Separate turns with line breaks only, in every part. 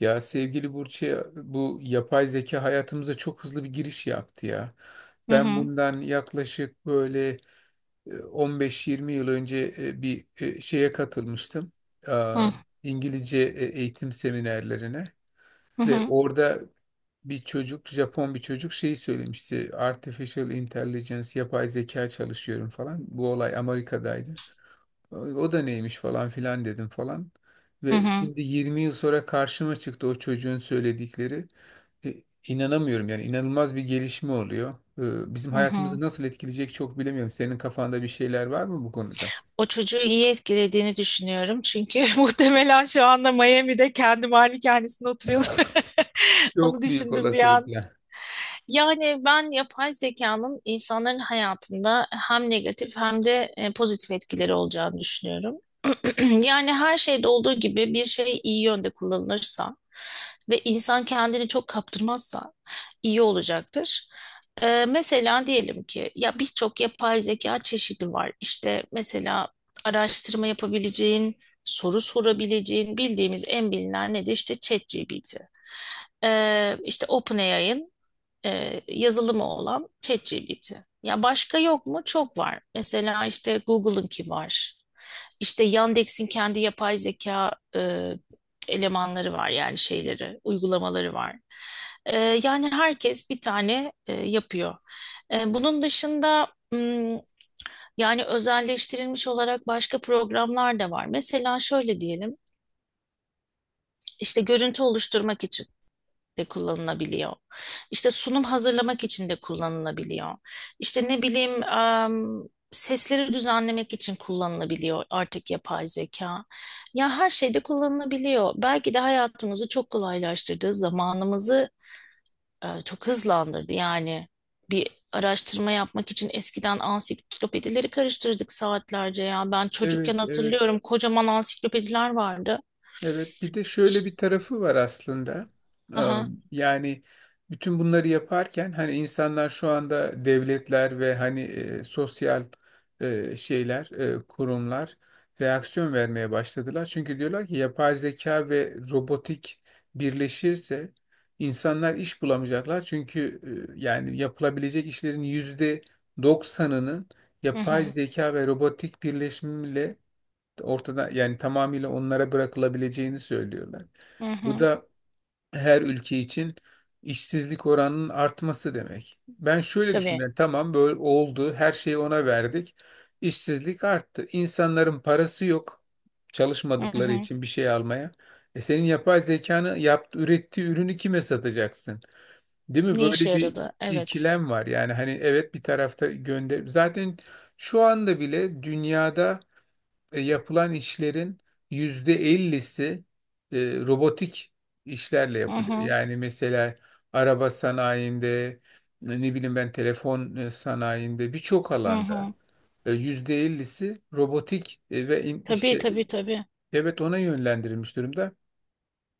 Ya sevgili Burç'e bu yapay zeka hayatımıza çok hızlı bir giriş yaptı ya.
Hı
Ben
hı.
bundan yaklaşık böyle 15-20 yıl önce bir şeye katılmıştım. Aa,
Hı
İngilizce eğitim seminerlerine
hı
ve
hı
orada bir çocuk, Japon bir çocuk şeyi söylemişti. Artificial Intelligence, yapay zeka çalışıyorum falan. Bu olay Amerika'daydı. O da neymiş falan filan dedim falan.
hı
Ve
hı.
şimdi 20 yıl sonra karşıma çıktı o çocuğun söyledikleri. E, inanamıyorum yani inanılmaz bir gelişme oluyor. Bizim
Hı
hayatımızı
hı.
nasıl etkileyecek çok bilemiyorum. Senin kafanda bir şeyler var mı bu konuda?
O çocuğu iyi etkilediğini düşünüyorum. Çünkü muhtemelen şu anda Miami'de kendi malikanesinde oturuyordur. Onu
Çok büyük
düşündüm bir an.
olasılıkla.
Yani ben yapay zekanın insanların hayatında hem negatif hem de pozitif etkileri olacağını düşünüyorum. Yani her şeyde olduğu gibi bir şey iyi yönde kullanılırsa ve insan kendini çok kaptırmazsa iyi olacaktır. Mesela diyelim ki ya birçok yapay zeka çeşidi var. İşte mesela araştırma yapabileceğin, soru sorabileceğin bildiğimiz en bilinen ne de işte ChatGPT. İşte OpenAI'ın yazılımı olan ChatGPT. Ya başka yok mu? Çok var. Mesela işte Google'ınki var. İşte Yandex'in kendi yapay zeka elemanları var yani şeyleri, uygulamaları var. E, Yani herkes bir tane yapıyor. Bunun dışında hmm, yani özelleştirilmiş olarak başka programlar da var. Mesela şöyle diyelim, işte görüntü oluşturmak için de kullanılabiliyor. İşte sunum hazırlamak için de kullanılabiliyor. İşte ne bileyim sesleri düzenlemek için kullanılabiliyor artık yapay zeka. Ya her şeyde kullanılabiliyor. Belki de hayatımızı çok kolaylaştırdı, zamanımızı çok hızlandırdı. Yani bir araştırma yapmak için eskiden ansiklopedileri karıştırdık saatlerce ya. Ben çocukken
Evet, evet.
hatırlıyorum kocaman ansiklopediler vardı.
Evet, bir de şöyle bir tarafı var aslında. Ee,
Aha,
Yani bütün bunları yaparken hani insanlar şu anda devletler ve hani sosyal şeyler, kurumlar reaksiyon vermeye başladılar. Çünkü diyorlar ki yapay zeka ve robotik birleşirse insanlar iş bulamayacaklar. Çünkü yani yapılabilecek işlerin %90'ının
hı
yapay
hı,
zeka ve robotik birleşimiyle ortada yani tamamıyla onlara bırakılabileceğini söylüyorlar.
hı
Bu
hı.
da her ülke için işsizlik oranının artması demek. Ben şöyle
Tabii.
düşünüyorum. Yani tamam böyle oldu. Her şeyi ona verdik. İşsizlik arttı. İnsanların parası yok.
Hı
Çalışmadıkları
hı.
için bir şey almaya. Senin yapay zekanı yaptı, ürettiği ürünü kime satacaksın? Değil mi?
Ne işe
Böyle bir
yaradı? Evet.
ikilem var. Yani hani evet bir tarafta gönder. Zaten şu anda bile dünyada yapılan işlerin %50'si e, robotik işlerle
Hı
yapılıyor.
hı.
Yani mesela araba sanayinde, ne bileyim ben telefon sanayinde birçok
Hı
alanda
hı.
%50'si robotik ve
Tabii
işte
tabii tabii.
evet ona yönlendirilmiş durumda.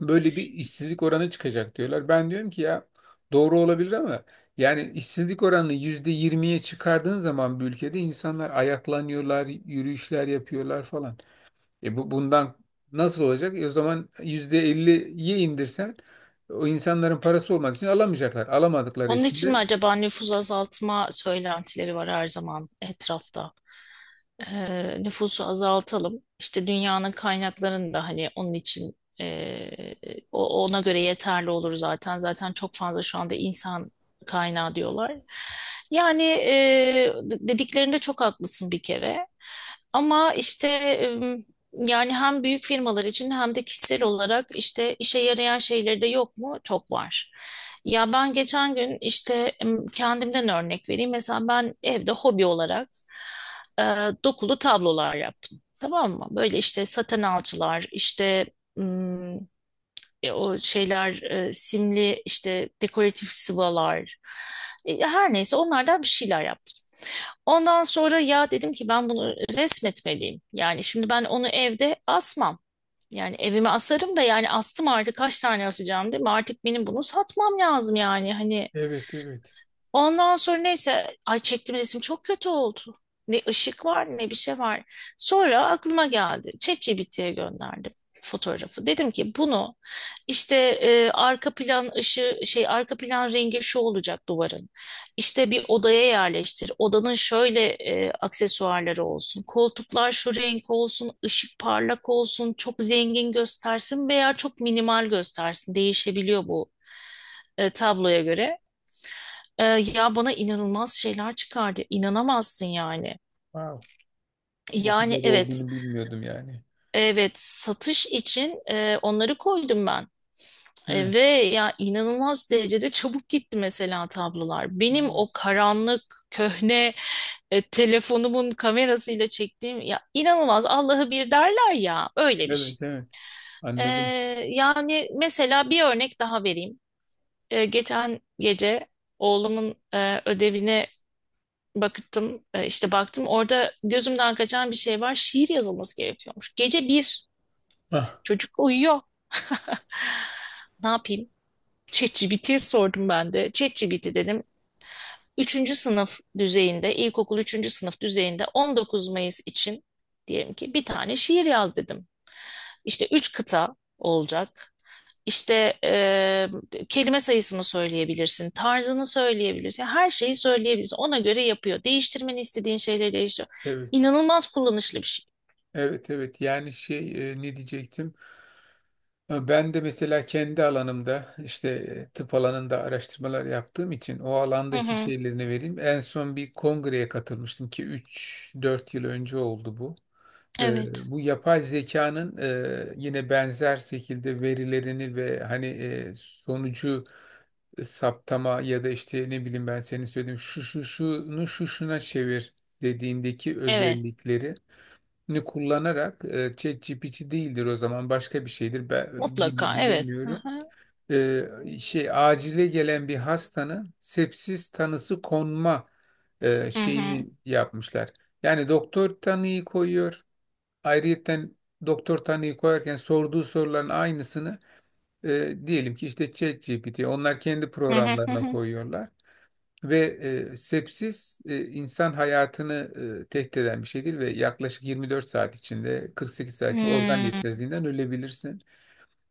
Böyle bir işsizlik oranı çıkacak diyorlar. Ben diyorum ki ya doğru olabilir ama yani işsizlik oranını %20'ye çıkardığın zaman bir ülkede insanlar ayaklanıyorlar, yürüyüşler yapıyorlar falan. Bu bundan nasıl olacak? O zaman %50'ye indirsen o insanların parası olmadığı için alamayacaklar. Alamadıkları
Onun
için
için
de
mi acaba nüfus azaltma söylentileri var her zaman etrafta? Nüfusu azaltalım. İşte dünyanın kaynaklarını da hani onun için o- ona göre yeterli olur zaten. Zaten çok fazla şu anda insan kaynağı diyorlar. Yani dediklerinde çok haklısın bir kere. Ama işte yani hem büyük firmalar için hem de kişisel olarak işte işe yarayan şeyleri de yok mu? Çok var. Ya ben geçen gün işte kendimden örnek vereyim. Mesela ben evde hobi olarak e, dokulu tablolar yaptım. Tamam mı? Böyle işte saten alçılar, işte mm, o şeyler, simli işte dekoratif sıvalar. Her neyse onlardan bir şeyler yaptım. Ondan sonra ya dedim ki ben bunu resmetmeliyim. Yani şimdi ben onu evde asmam. Yani evime asarım da yani astım artık kaç tane asacağım değil mi? Artık benim bunu satmam lazım yani. Hani.
evet, evet.
Ondan sonra neyse ay çektiğim resim çok kötü oldu. Ne ışık var ne bir şey var. Sonra aklıma geldi. ChatGPT'ye gönderdim fotoğrafı. Dedim ki bunu işte arka plan ışığı şey arka plan rengi şu olacak duvarın. İşte bir odaya yerleştir. Odanın şöyle aksesuarları olsun. Koltuklar şu renk olsun, ışık parlak olsun, çok zengin göstersin veya çok minimal göstersin. Değişebiliyor bu tabloya göre. Ya bana inanılmaz şeyler çıkardı. İnanamazsın yani.
Wow. Bu
Yani
kadar
evet,
olduğunu bilmiyordum yani.
evet satış için onları koydum ben.
Hı.
Ve ya inanılmaz derecede çabuk gitti mesela tablolar. Benim
Hı.
o karanlık, köhne telefonumun kamerasıyla çektiğim ya inanılmaz Allah'ı bir derler ya öyle bir
Evet,
şey.
evet.
Ee,
Anladım.
Yani mesela bir örnek daha vereyim. Geçen gece oğlumun ödevini Baktım e, işte baktım orada gözümden kaçan bir şey var. Şiir yazılması gerekiyormuş. Gece bir
Ah,
çocuk uyuyor. Ne yapayım? ChatGPT'ye sordum ben de. ChatGPT dedim. Üçüncü sınıf düzeyinde, ilkokul üçüncü sınıf düzeyinde 19 Mayıs için diyelim ki bir tane şiir yaz dedim. İşte üç kıta olacak. İşte kelime sayısını söyleyebilirsin, tarzını söyleyebilirsin, her şeyi söyleyebilirsin. Ona göre yapıyor. Değiştirmeni istediğin şeyleri değiştiriyor.
evet.
İnanılmaz kullanışlı bir şey.
Evet, evet. Yani şey ne diyecektim? Ben de mesela kendi alanımda işte tıp alanında araştırmalar yaptığım için o
Hı
alandaki
hı.
şeylerini vereyim. En son bir kongreye katılmıştım ki 3-4 yıl önce oldu bu. E,
Evet,
bu yapay zekanın yine benzer şekilde verilerini ve hani sonucu saptama ya da işte ne bileyim ben senin söylediğin şu şu şunu şu şuna çevir dediğindeki
evet,
özellikleri ni kullanarak ChatGPT değildir o zaman başka bir şeydir ben
mutlaka, evet. Hı
bilemiyorum.
hı.
Şey acile gelen bir hastanın sepsis tanısı konma
Hı hı.
şeyini yapmışlar. Yani doktor tanıyı koyuyor. Ayrıyeten doktor tanıyı koyarken sorduğu soruların aynısını diyelim ki işte ChatGPT onlar kendi
Hı hı. Hı
programlarına
hı.
koyuyorlar. Ve sepsis insan hayatını tehdit eden bir şeydir ve yaklaşık 24 saat içinde 48 saat içinde organ
Hmm.
yetmezliğinden ölebilirsin.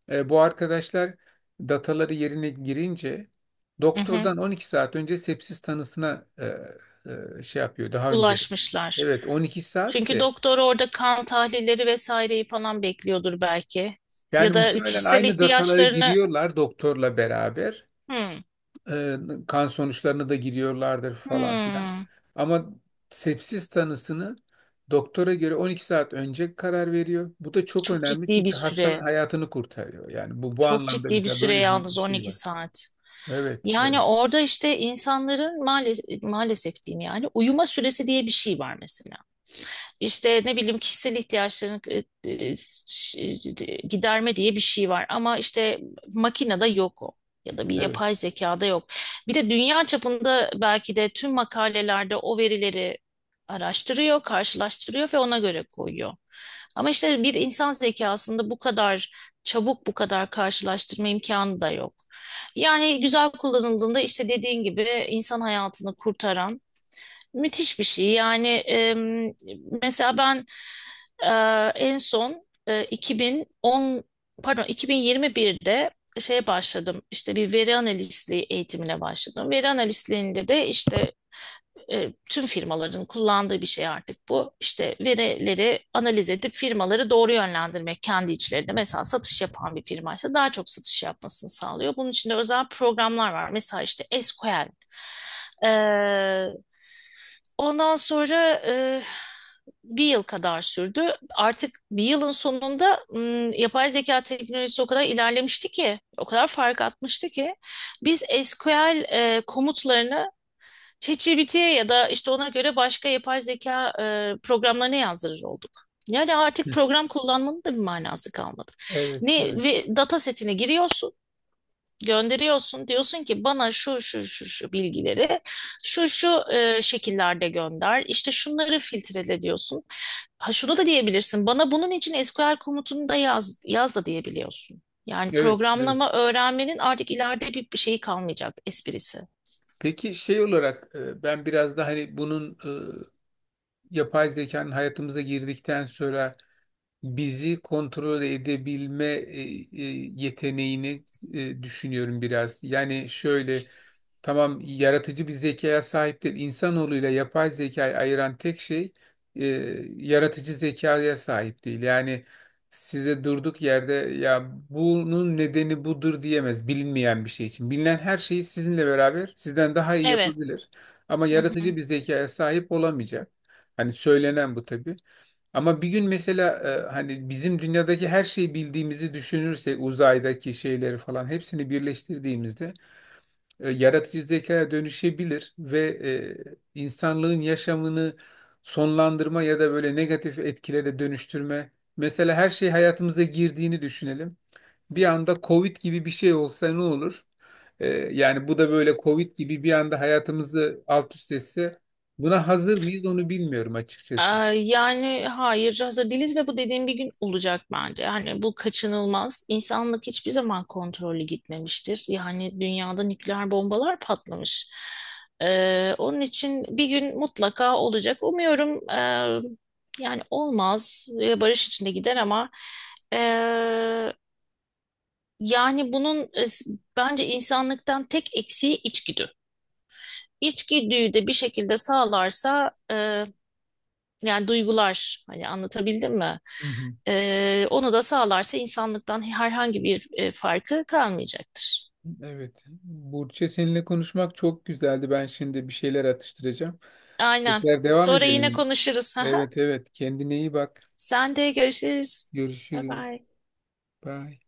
Bu arkadaşlar dataları yerine girince
Hı hı.
doktordan 12 saat önce sepsis tanısına şey yapıyor daha önce.
Ulaşmışlar.
Evet, 12 saat
Çünkü
de.
doktor orada kan tahlilleri vesaireyi falan bekliyordur belki.
Yani
Ya da
muhtemelen
kişisel
aynı dataları
ihtiyaçlarını.
giriyorlar doktorla beraber.
Hmm.
Ee, Kan sonuçlarını da giriyorlardır falan filan.
Hmm.
Ama sepsis tanısını doktora göre 12 saat önce karar veriyor. Bu da çok
Çok
önemli
ciddi bir
çünkü hastanın
süre.
hayatını kurtarıyor. Yani bu
Çok
anlamda
ciddi bir
mesela
süre
böyle
yalnız
bir şey
12
var.
saat.
Evet,
Yani
evet,
orada işte insanların maalesef, maalesef diyeyim yani uyuma süresi diye bir şey var mesela. İşte ne bileyim kişisel ihtiyaçlarını e, ş- giderme diye bir şey var. Ama işte makinede yok o. Ya da bir
evet.
yapay zekada yok. Bir de dünya çapında belki de tüm makalelerde o verileri araştırıyor, karşılaştırıyor ve ona göre koyuyor. Ama işte bir insan zekasında bu kadar çabuk, bu kadar karşılaştırma imkanı da yok. Yani güzel kullanıldığında işte dediğin gibi insan hayatını kurtaran müthiş bir şey. Yani mesela ben e, en son 2010 pardon 2021'de şeye başladım. İşte bir veri analistliği eğitimine başladım. Veri analistliğinde de işte tüm firmaların kullandığı bir şey artık bu. İşte verileri analiz edip firmaları doğru yönlendirmek kendi içlerinde. Mesela satış yapan bir firmaysa daha çok satış yapmasını sağlıyor. Bunun için de özel programlar var. Mesela işte SQL. Ee, Ondan sonra bir yıl kadar sürdü. Artık bir yılın sonunda yapay zeka teknolojisi o kadar ilerlemişti ki, o kadar fark atmıştı ki biz SQL komutlarını ChatGPT'ye ya da işte ona göre başka yapay zeka programlarına yazdırır olduk. Yani artık
Hı,
program kullanmanın da bir manası kalmadı.
evet,
Ne
evet.
ve data setine giriyorsun gönderiyorsun. Diyorsun ki bana şu şu şu şu bilgileri şu şu şekillerde gönder. İşte şunları filtrele diyorsun. Ha, şunu da diyebilirsin. Bana bunun için SQL komutunu da yaz, yaz da diyebiliyorsun. Yani
Evet, evet.
programlama öğrenmenin artık ileride bir şeyi kalmayacak esprisi.
Peki şey olarak ben biraz da hani bunun yapay zekanın hayatımıza girdikten sonra bizi kontrol edebilme e, yeteneğini düşünüyorum biraz. Yani şöyle tamam yaratıcı bir zekaya sahip değil. İnsanoğluyla yapay zekayı ayıran tek şey e, yaratıcı zekaya sahip değil. Yani size durduk yerde ya bunun nedeni budur diyemez bilinmeyen bir şey için. Bilinen her şeyi sizinle beraber sizden daha iyi
Evet.
yapabilir. Ama
Hı hı.
yaratıcı bir zekaya sahip olamayacak. Hani söylenen bu tabii. Ama bir gün mesela hani bizim dünyadaki her şeyi bildiğimizi düşünürsek uzaydaki şeyleri falan hepsini birleştirdiğimizde yaratıcı zekaya dönüşebilir ve insanlığın yaşamını sonlandırma ya da böyle negatif etkilere dönüştürme. Mesela her şey hayatımıza girdiğini düşünelim. Bir anda Covid gibi bir şey olsa ne olur? Yani bu da böyle Covid gibi bir anda hayatımızı alt üst etse buna hazır mıyız onu bilmiyorum
Ee,
açıkçası.
Yani hayır hazır değiliz ve bu dediğim bir gün olacak bence. Yani bu kaçınılmaz. İnsanlık hiçbir zaman kontrollü gitmemiştir. Yani dünyada nükleer bombalar patlamış. Onun için bir gün mutlaka olacak. Umuyorum yani olmaz ve barış içinde gider ama e, yani bunun bence insanlıktan tek eksiği içgüdü. İçgüdüyü de bir şekilde sağlarsa yani duygular hani anlatabildim mi? Onu da sağlarsa insanlıktan herhangi bir farkı kalmayacaktır.
Evet. Burçe seninle konuşmak çok güzeldi. Ben şimdi bir şeyler atıştıracağım.
Aynen.
Tekrar devam
Sonra yine
edelim.
konuşuruz. Aha.
Evet, evet. Kendine iyi bak.
Sen de görüşürüz. Bye
Görüşürüz.
bye.
Bye.